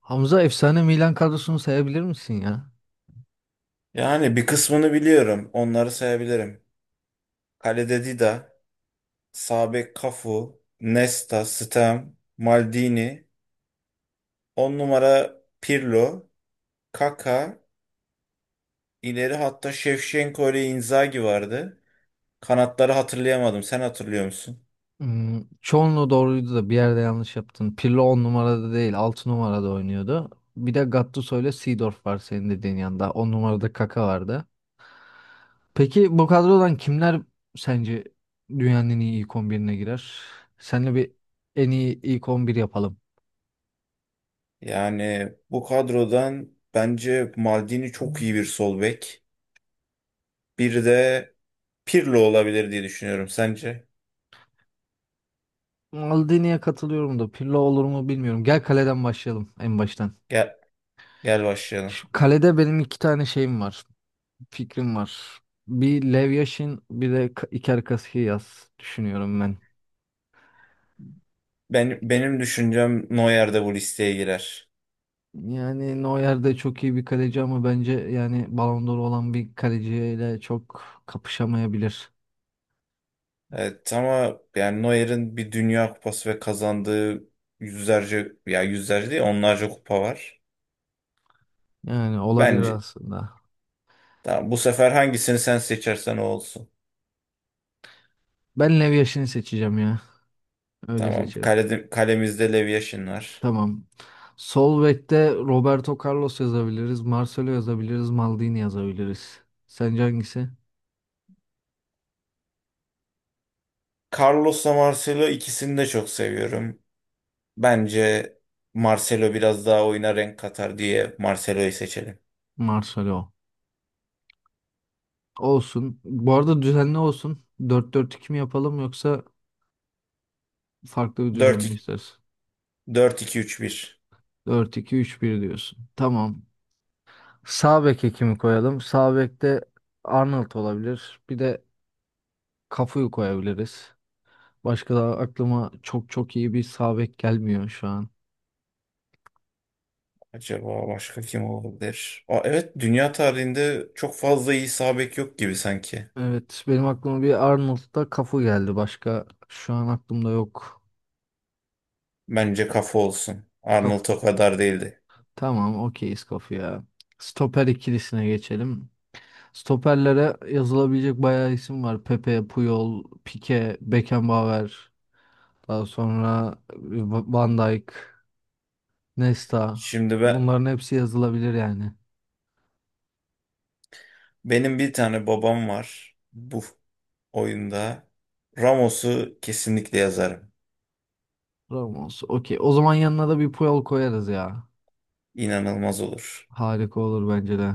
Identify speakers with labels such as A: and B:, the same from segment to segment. A: Hamza efsane Milan kadrosunu sayabilir misin ya?
B: Yani bir kısmını biliyorum. Onları sayabilirim. Kalede Dida, sağ bek Cafu, Nesta, Stam, Maldini, 10 numara Pirlo, Kaka, ileri hatta Şevşenko ile Inzaghi vardı. Kanatları hatırlayamadım. Sen hatırlıyor musun?
A: Hmm, çoğunluğu doğruydu da bir yerde yanlış yaptın. Pirlo 10 numarada değil 6 numarada oynuyordu. Bir de Gattuso ile Seedorf var senin dediğin yanında. 10 numarada Kaka vardı. Peki bu kadrodan kimler sence dünyanın en iyi ilk 11'ine girer? Seninle bir en iyi ilk 11 yapalım.
B: Yani bu kadrodan bence Maldini çok iyi bir sol bek. Bir de Pirlo olabilir diye düşünüyorum. Sence?
A: Maldini'ye katılıyorum da Pirlo olur mu bilmiyorum. Gel kaleden başlayalım en baştan.
B: Gel, gel başlayalım.
A: Şu kalede benim iki tane şeyim var. Fikrim var. Bir Lev Yashin bir de Iker Casillas düşünüyorum ben.
B: Benim düşüncem Neuer de bu listeye girer.
A: Yani Neuer de çok iyi bir kaleci ama bence yani Ballon d'Or olan bir kaleciyle çok kapışamayabilir.
B: Evet ama yani Neuer'in bir Dünya Kupası ve kazandığı yüzlerce ya yüzlerce değil onlarca kupa var.
A: Yani olabilir
B: Bence
A: aslında.
B: tamam, bu sefer hangisini sen seçersen o olsun.
A: Ben Lev Yashin'i seçeceğim ya. Öyle
B: Tamam
A: seçelim.
B: kalede, kalemizde Lev Yashin var.
A: Tamam. Sol bekte Roberto Carlos yazabiliriz. Marcelo yazabiliriz. Maldini yazabiliriz. Sence hangisi?
B: Carlos'la Marcelo ikisini de çok seviyorum. Bence Marcelo biraz daha oyuna renk katar diye Marcelo'yu seçelim.
A: Marcelo. Olsun. Bu arada düzenli olsun. Dört dört 2 mi yapalım yoksa farklı bir düzen mi istersin?
B: 4-2-3-1.
A: Dört iki üç bir diyorsun. Tamam. Sağ beke kimi koyalım? Sağ bekte Arnold olabilir. Bir de Cafu'yu koyabiliriz. Başka da aklıma çok çok iyi bir sağ bek gelmiyor şu an.
B: Acaba başka kim olabilir? Aa, evet, dünya tarihinde çok fazla iyi sağ bek yok gibi sanki.
A: Evet, benim aklıma bir Arnold'da Cafu geldi. Başka şu an aklımda yok.
B: Bence kafa olsun. Arnold o
A: Cafu.
B: kadar değildi.
A: Tamam, okeyiz Cafu'ya. Stoper ikilisine geçelim. Stoperlere yazılabilecek bayağı isim var. Pepe, Puyol, Pique, Beckenbauer. Daha sonra Van Dijk, Nesta,
B: Şimdi ben,
A: bunların hepsi yazılabilir yani.
B: benim bir tane babam var bu oyunda. Ramos'u kesinlikle yazarım.
A: Ramos. Okey. O zaman yanına da bir Puyol koyarız ya.
B: İnanılmaz olur.
A: Harika olur bence de.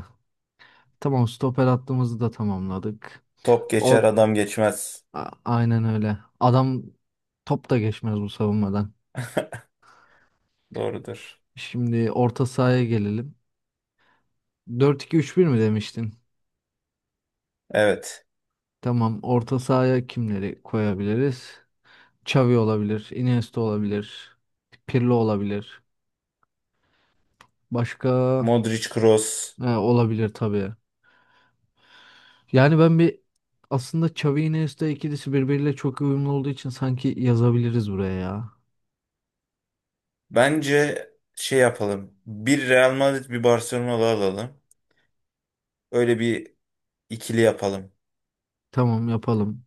A: Tamam, stoper hattımızı da tamamladık.
B: Top
A: Or
B: geçer adam geçmez.
A: Aynen öyle. Adam top da geçmez bu savunmadan.
B: Doğrudur.
A: Şimdi orta sahaya gelelim. Dört iki üç bir mi demiştin?
B: Evet.
A: Tamam. Orta sahaya kimleri koyabiliriz? Xavi olabilir. Iniesta olabilir. Pirlo olabilir. Başka?
B: Modric Kroos.
A: Ha, olabilir tabii. Yani ben bir aslında Xavi Iniesta ikilisi birbiriyle çok uyumlu olduğu için sanki yazabiliriz buraya ya.
B: Bence şey yapalım. Bir Real Madrid bir Barcelona'lı alalım. Öyle bir ikili yapalım.
A: Tamam yapalım.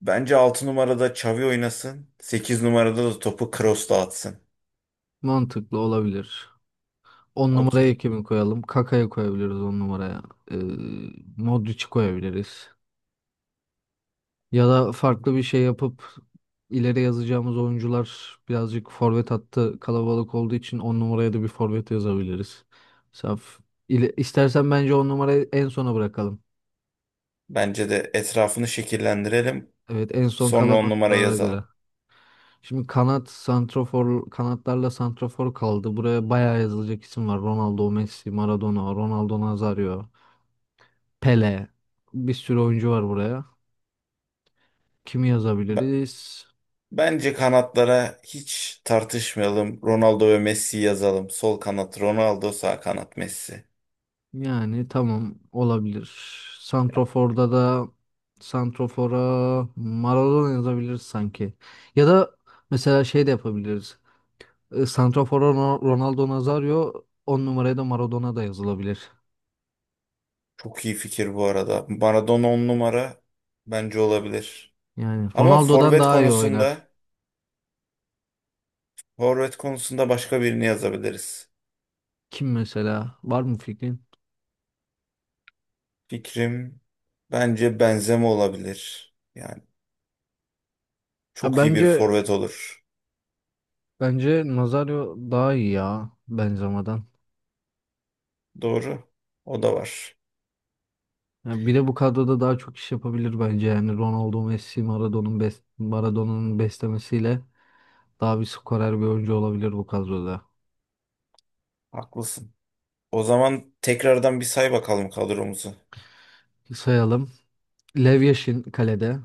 B: Bence 6 numarada Xavi oynasın. 8 numarada da topu Kroos dağıtsın.
A: Mantıklı olabilir. On numaraya
B: Okey.
A: kimi koyalım? Kaka'yı koyabiliriz 10 numaraya. Ee, Modric'i koyabiliriz. Ya da farklı bir şey yapıp ileri yazacağımız oyuncular birazcık forvet hattı kalabalık olduğu için 10 numaraya da bir forvet yazabiliriz. Saf. İstersen bence 10 numarayı en sona bırakalım.
B: Bence de etrafını şekillendirelim.
A: Evet, en son
B: Sonra
A: kalan
B: 10 numara
A: oyunculara
B: yazalım.
A: göre. Şimdi kanat santrofor kanatlarla santrofor kaldı. Buraya bayağı yazılacak isim var. Ronaldo, Messi, Maradona, Ronaldo Nazario, Pele. Bir sürü oyuncu var buraya. Kimi
B: Be-
A: yazabiliriz?
B: Bence kanatlara hiç tartışmayalım. Ronaldo ve Messi yazalım. Sol kanat Ronaldo, sağ kanat Messi.
A: Yani tamam olabilir. Santrofor'da da santrofora Maradona yazabiliriz sanki. Ya da mesela şey de yapabiliriz. Santrofora Ronaldo Nazario, 10 numaraya da Maradona da yazılabilir.
B: Çok iyi fikir bu arada. Maradona 10 numara bence olabilir.
A: Yani
B: Ama
A: Ronaldo'dan daha iyi oynar.
B: forvet konusunda başka birini yazabiliriz.
A: Kim mesela? Var mı fikrin?
B: Fikrim, bence Benzema olabilir. Yani
A: Ya
B: çok iyi bir
A: bence
B: forvet olur.
A: bence Nazario daha iyi ya Benzema'dan.
B: Doğru. O da var.
A: Ya bir de bu kadroda daha çok iş yapabilir bence yani Ronaldo, Messi, Maradona'nın Maradona'nın beslemesiyle daha bir skorer bir oyuncu olabilir bu kadroda.
B: Haklısın. O zaman tekrardan bir say bakalım kadromuzu.
A: Sayalım. Lev Yashin kalede.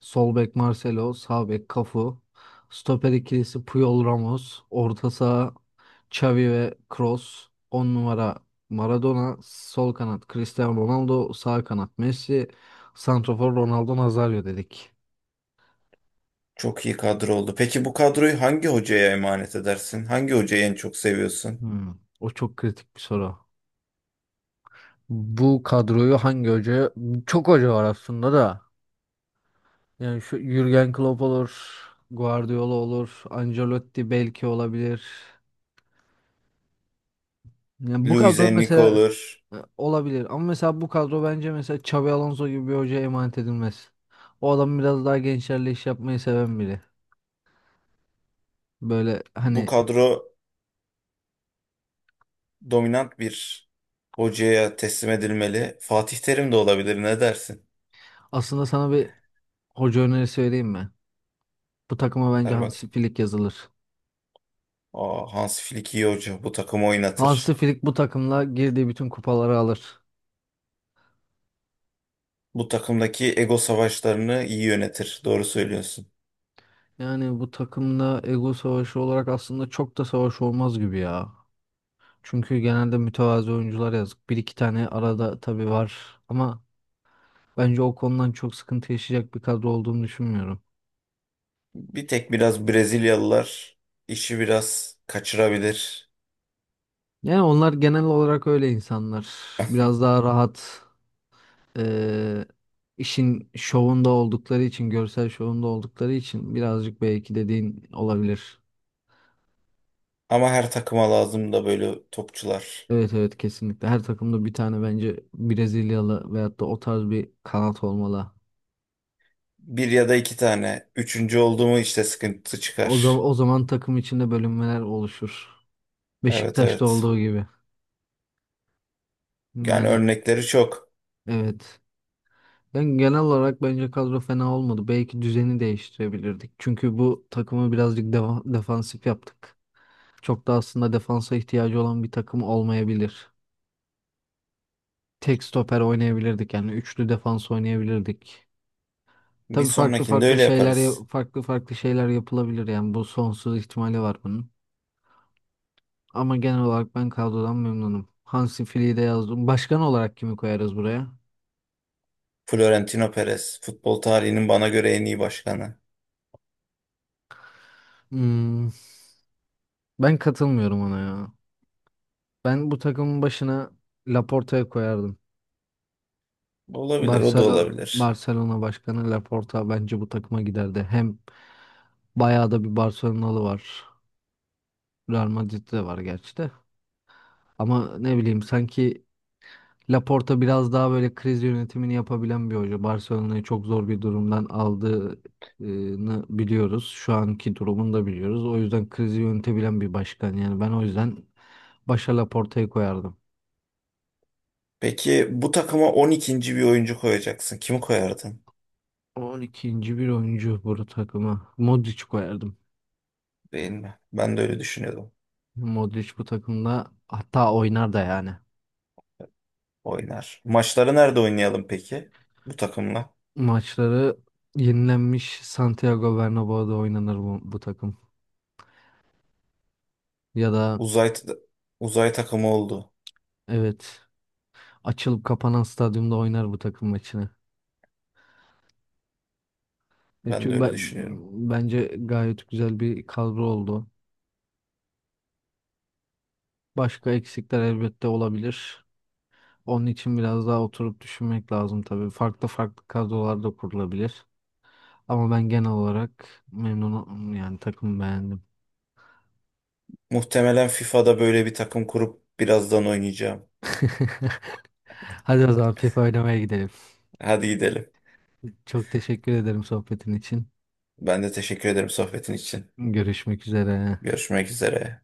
A: Sol bek Marcelo, sağ bek Cafu, stoper ikilisi Puyol Ramos, orta saha Xavi ve Kroos, 10 numara Maradona, sol kanat Cristiano Ronaldo, sağ kanat Messi, santrafor Ronaldo Nazario dedik.
B: Çok iyi kadro oldu. Peki bu kadroyu hangi hocaya emanet edersin? Hangi hocayı en çok seviyorsun?
A: Hmm, o çok kritik bir soru. Bu kadroyu hangi hoca? Çok hoca var aslında da. Yani şu Jürgen Klopp olur, Guardiola olur, Ancelotti belki olabilir. Yani bu
B: Luis
A: kadro
B: Enrique
A: mesela
B: olur.
A: olabilir ama mesela bu kadro bence mesela Xabi Alonso gibi bir hocaya emanet edilmez. O adam biraz daha gençlerle iş yapmayı seven biri. Böyle
B: Bu
A: hani
B: kadro dominant bir hocaya teslim edilmeli. Fatih Terim de olabilir. Ne dersin?
A: aslında sana bir hoca önerisi vereyim mi? Bu takıma bence
B: Ver bak.
A: Hansi Flick yazılır.
B: Aa, Hans Flick iyi hoca. Bu takımı
A: Hansi
B: oynatır.
A: Flick bu takımla girdiği bütün kupaları alır.
B: Bu takımdaki ego savaşlarını iyi yönetir. Doğru söylüyorsun.
A: Yani bu takımda ego savaşı olarak aslında çok da savaş olmaz gibi ya. Çünkü genelde mütevazı oyuncular yazık. Bir iki tane arada tabii var ama bence o konudan çok sıkıntı yaşayacak bir kadro olduğunu düşünmüyorum.
B: Bir tek biraz Brezilyalılar işi biraz kaçırabilir.
A: Yani onlar genel olarak öyle insanlar. Biraz daha rahat, eee, işin şovunda oldukları için, görsel şovunda oldukları için birazcık belki dediğin olabilir.
B: Ama her takıma lazım da böyle topçular.
A: Evet, evet, kesinlikle. Her takımda bir tane bence Brezilyalı veyahut da o tarz bir kanat olmalı.
B: Bir ya da iki tane. Üçüncü oldu mu işte sıkıntı
A: O zaman
B: çıkar.
A: takım içinde bölünmeler oluşur.
B: Evet,
A: Beşiktaş'ta
B: evet.
A: olduğu gibi.
B: Yani
A: Yani
B: örnekleri çok.
A: evet. Ben genel olarak bence kadro fena olmadı. Belki düzeni değiştirebilirdik. Çünkü bu takımı birazcık defansif yaptık. Çok da aslında defansa ihtiyacı olan bir takım olmayabilir. Tek stoper oynayabilirdik yani üçlü defans oynayabilirdik.
B: Bir
A: Tabii farklı
B: sonrakinde
A: farklı
B: öyle
A: şeyler
B: yaparız.
A: farklı farklı şeyler yapılabilir yani bu sonsuz ihtimali var bunun. Ama genel olarak ben kadrodan memnunum. Hansi Flick'i de yazdım. Başkan olarak kimi koyarız buraya?
B: Florentino Perez, futbol tarihinin bana göre en iyi başkanı.
A: Hmm, ben katılmıyorum ona ya. Ben bu takımın başına Laporta'ya koyardım.
B: Olabilir, o da
A: Barcelona,
B: olabilir.
A: Barcelona başkanı Laporta bence bu takıma giderdi. Hem bayağı da bir Barcelonalı var. Real Madrid'de var gerçi de. Ama ne bileyim sanki Laporta biraz daha böyle kriz yönetimini yapabilen bir hoca. Barcelona'yı çok zor bir durumdan aldığını biliyoruz. Şu anki durumunu da biliyoruz. O yüzden krizi yönetebilen bir başkan. Yani ben o yüzden başa Laporta'yı koyardım.
B: Peki bu takıma 12'nci bir oyuncu koyacaksın. Kimi koyardın?
A: On ikinci bir oyuncu bu takıma. Modric koyardım.
B: Değil mi? Ben de öyle düşünüyordum.
A: Modric bu takımda hatta oynar da yani.
B: Oynar. Maçları nerede oynayalım peki? Bu takımla.
A: Maçları yenilenmiş Santiago Bernabéu'da oynanır bu takım. Ya da
B: Uzay uzay takımı oldu.
A: evet, açılıp kapanan stadyumda oynar bu takım maçını.
B: Ben de
A: Çünkü
B: öyle düşünüyorum.
A: bence gayet güzel bir kadro oldu. Başka eksikler elbette olabilir. Onun için biraz daha oturup düşünmek lazım tabii. Farklı farklı kadrolar da kurulabilir. Ama ben genel olarak memnunum yani takımı beğendim.
B: Muhtemelen FIFA'da böyle bir takım kurup birazdan oynayacağım.
A: Hadi o zaman FIFA oynamaya gidelim.
B: Hadi gidelim.
A: Çok teşekkür ederim sohbetin için.
B: Ben de teşekkür ederim sohbetin için.
A: Görüşmek üzere.
B: Görüşmek üzere.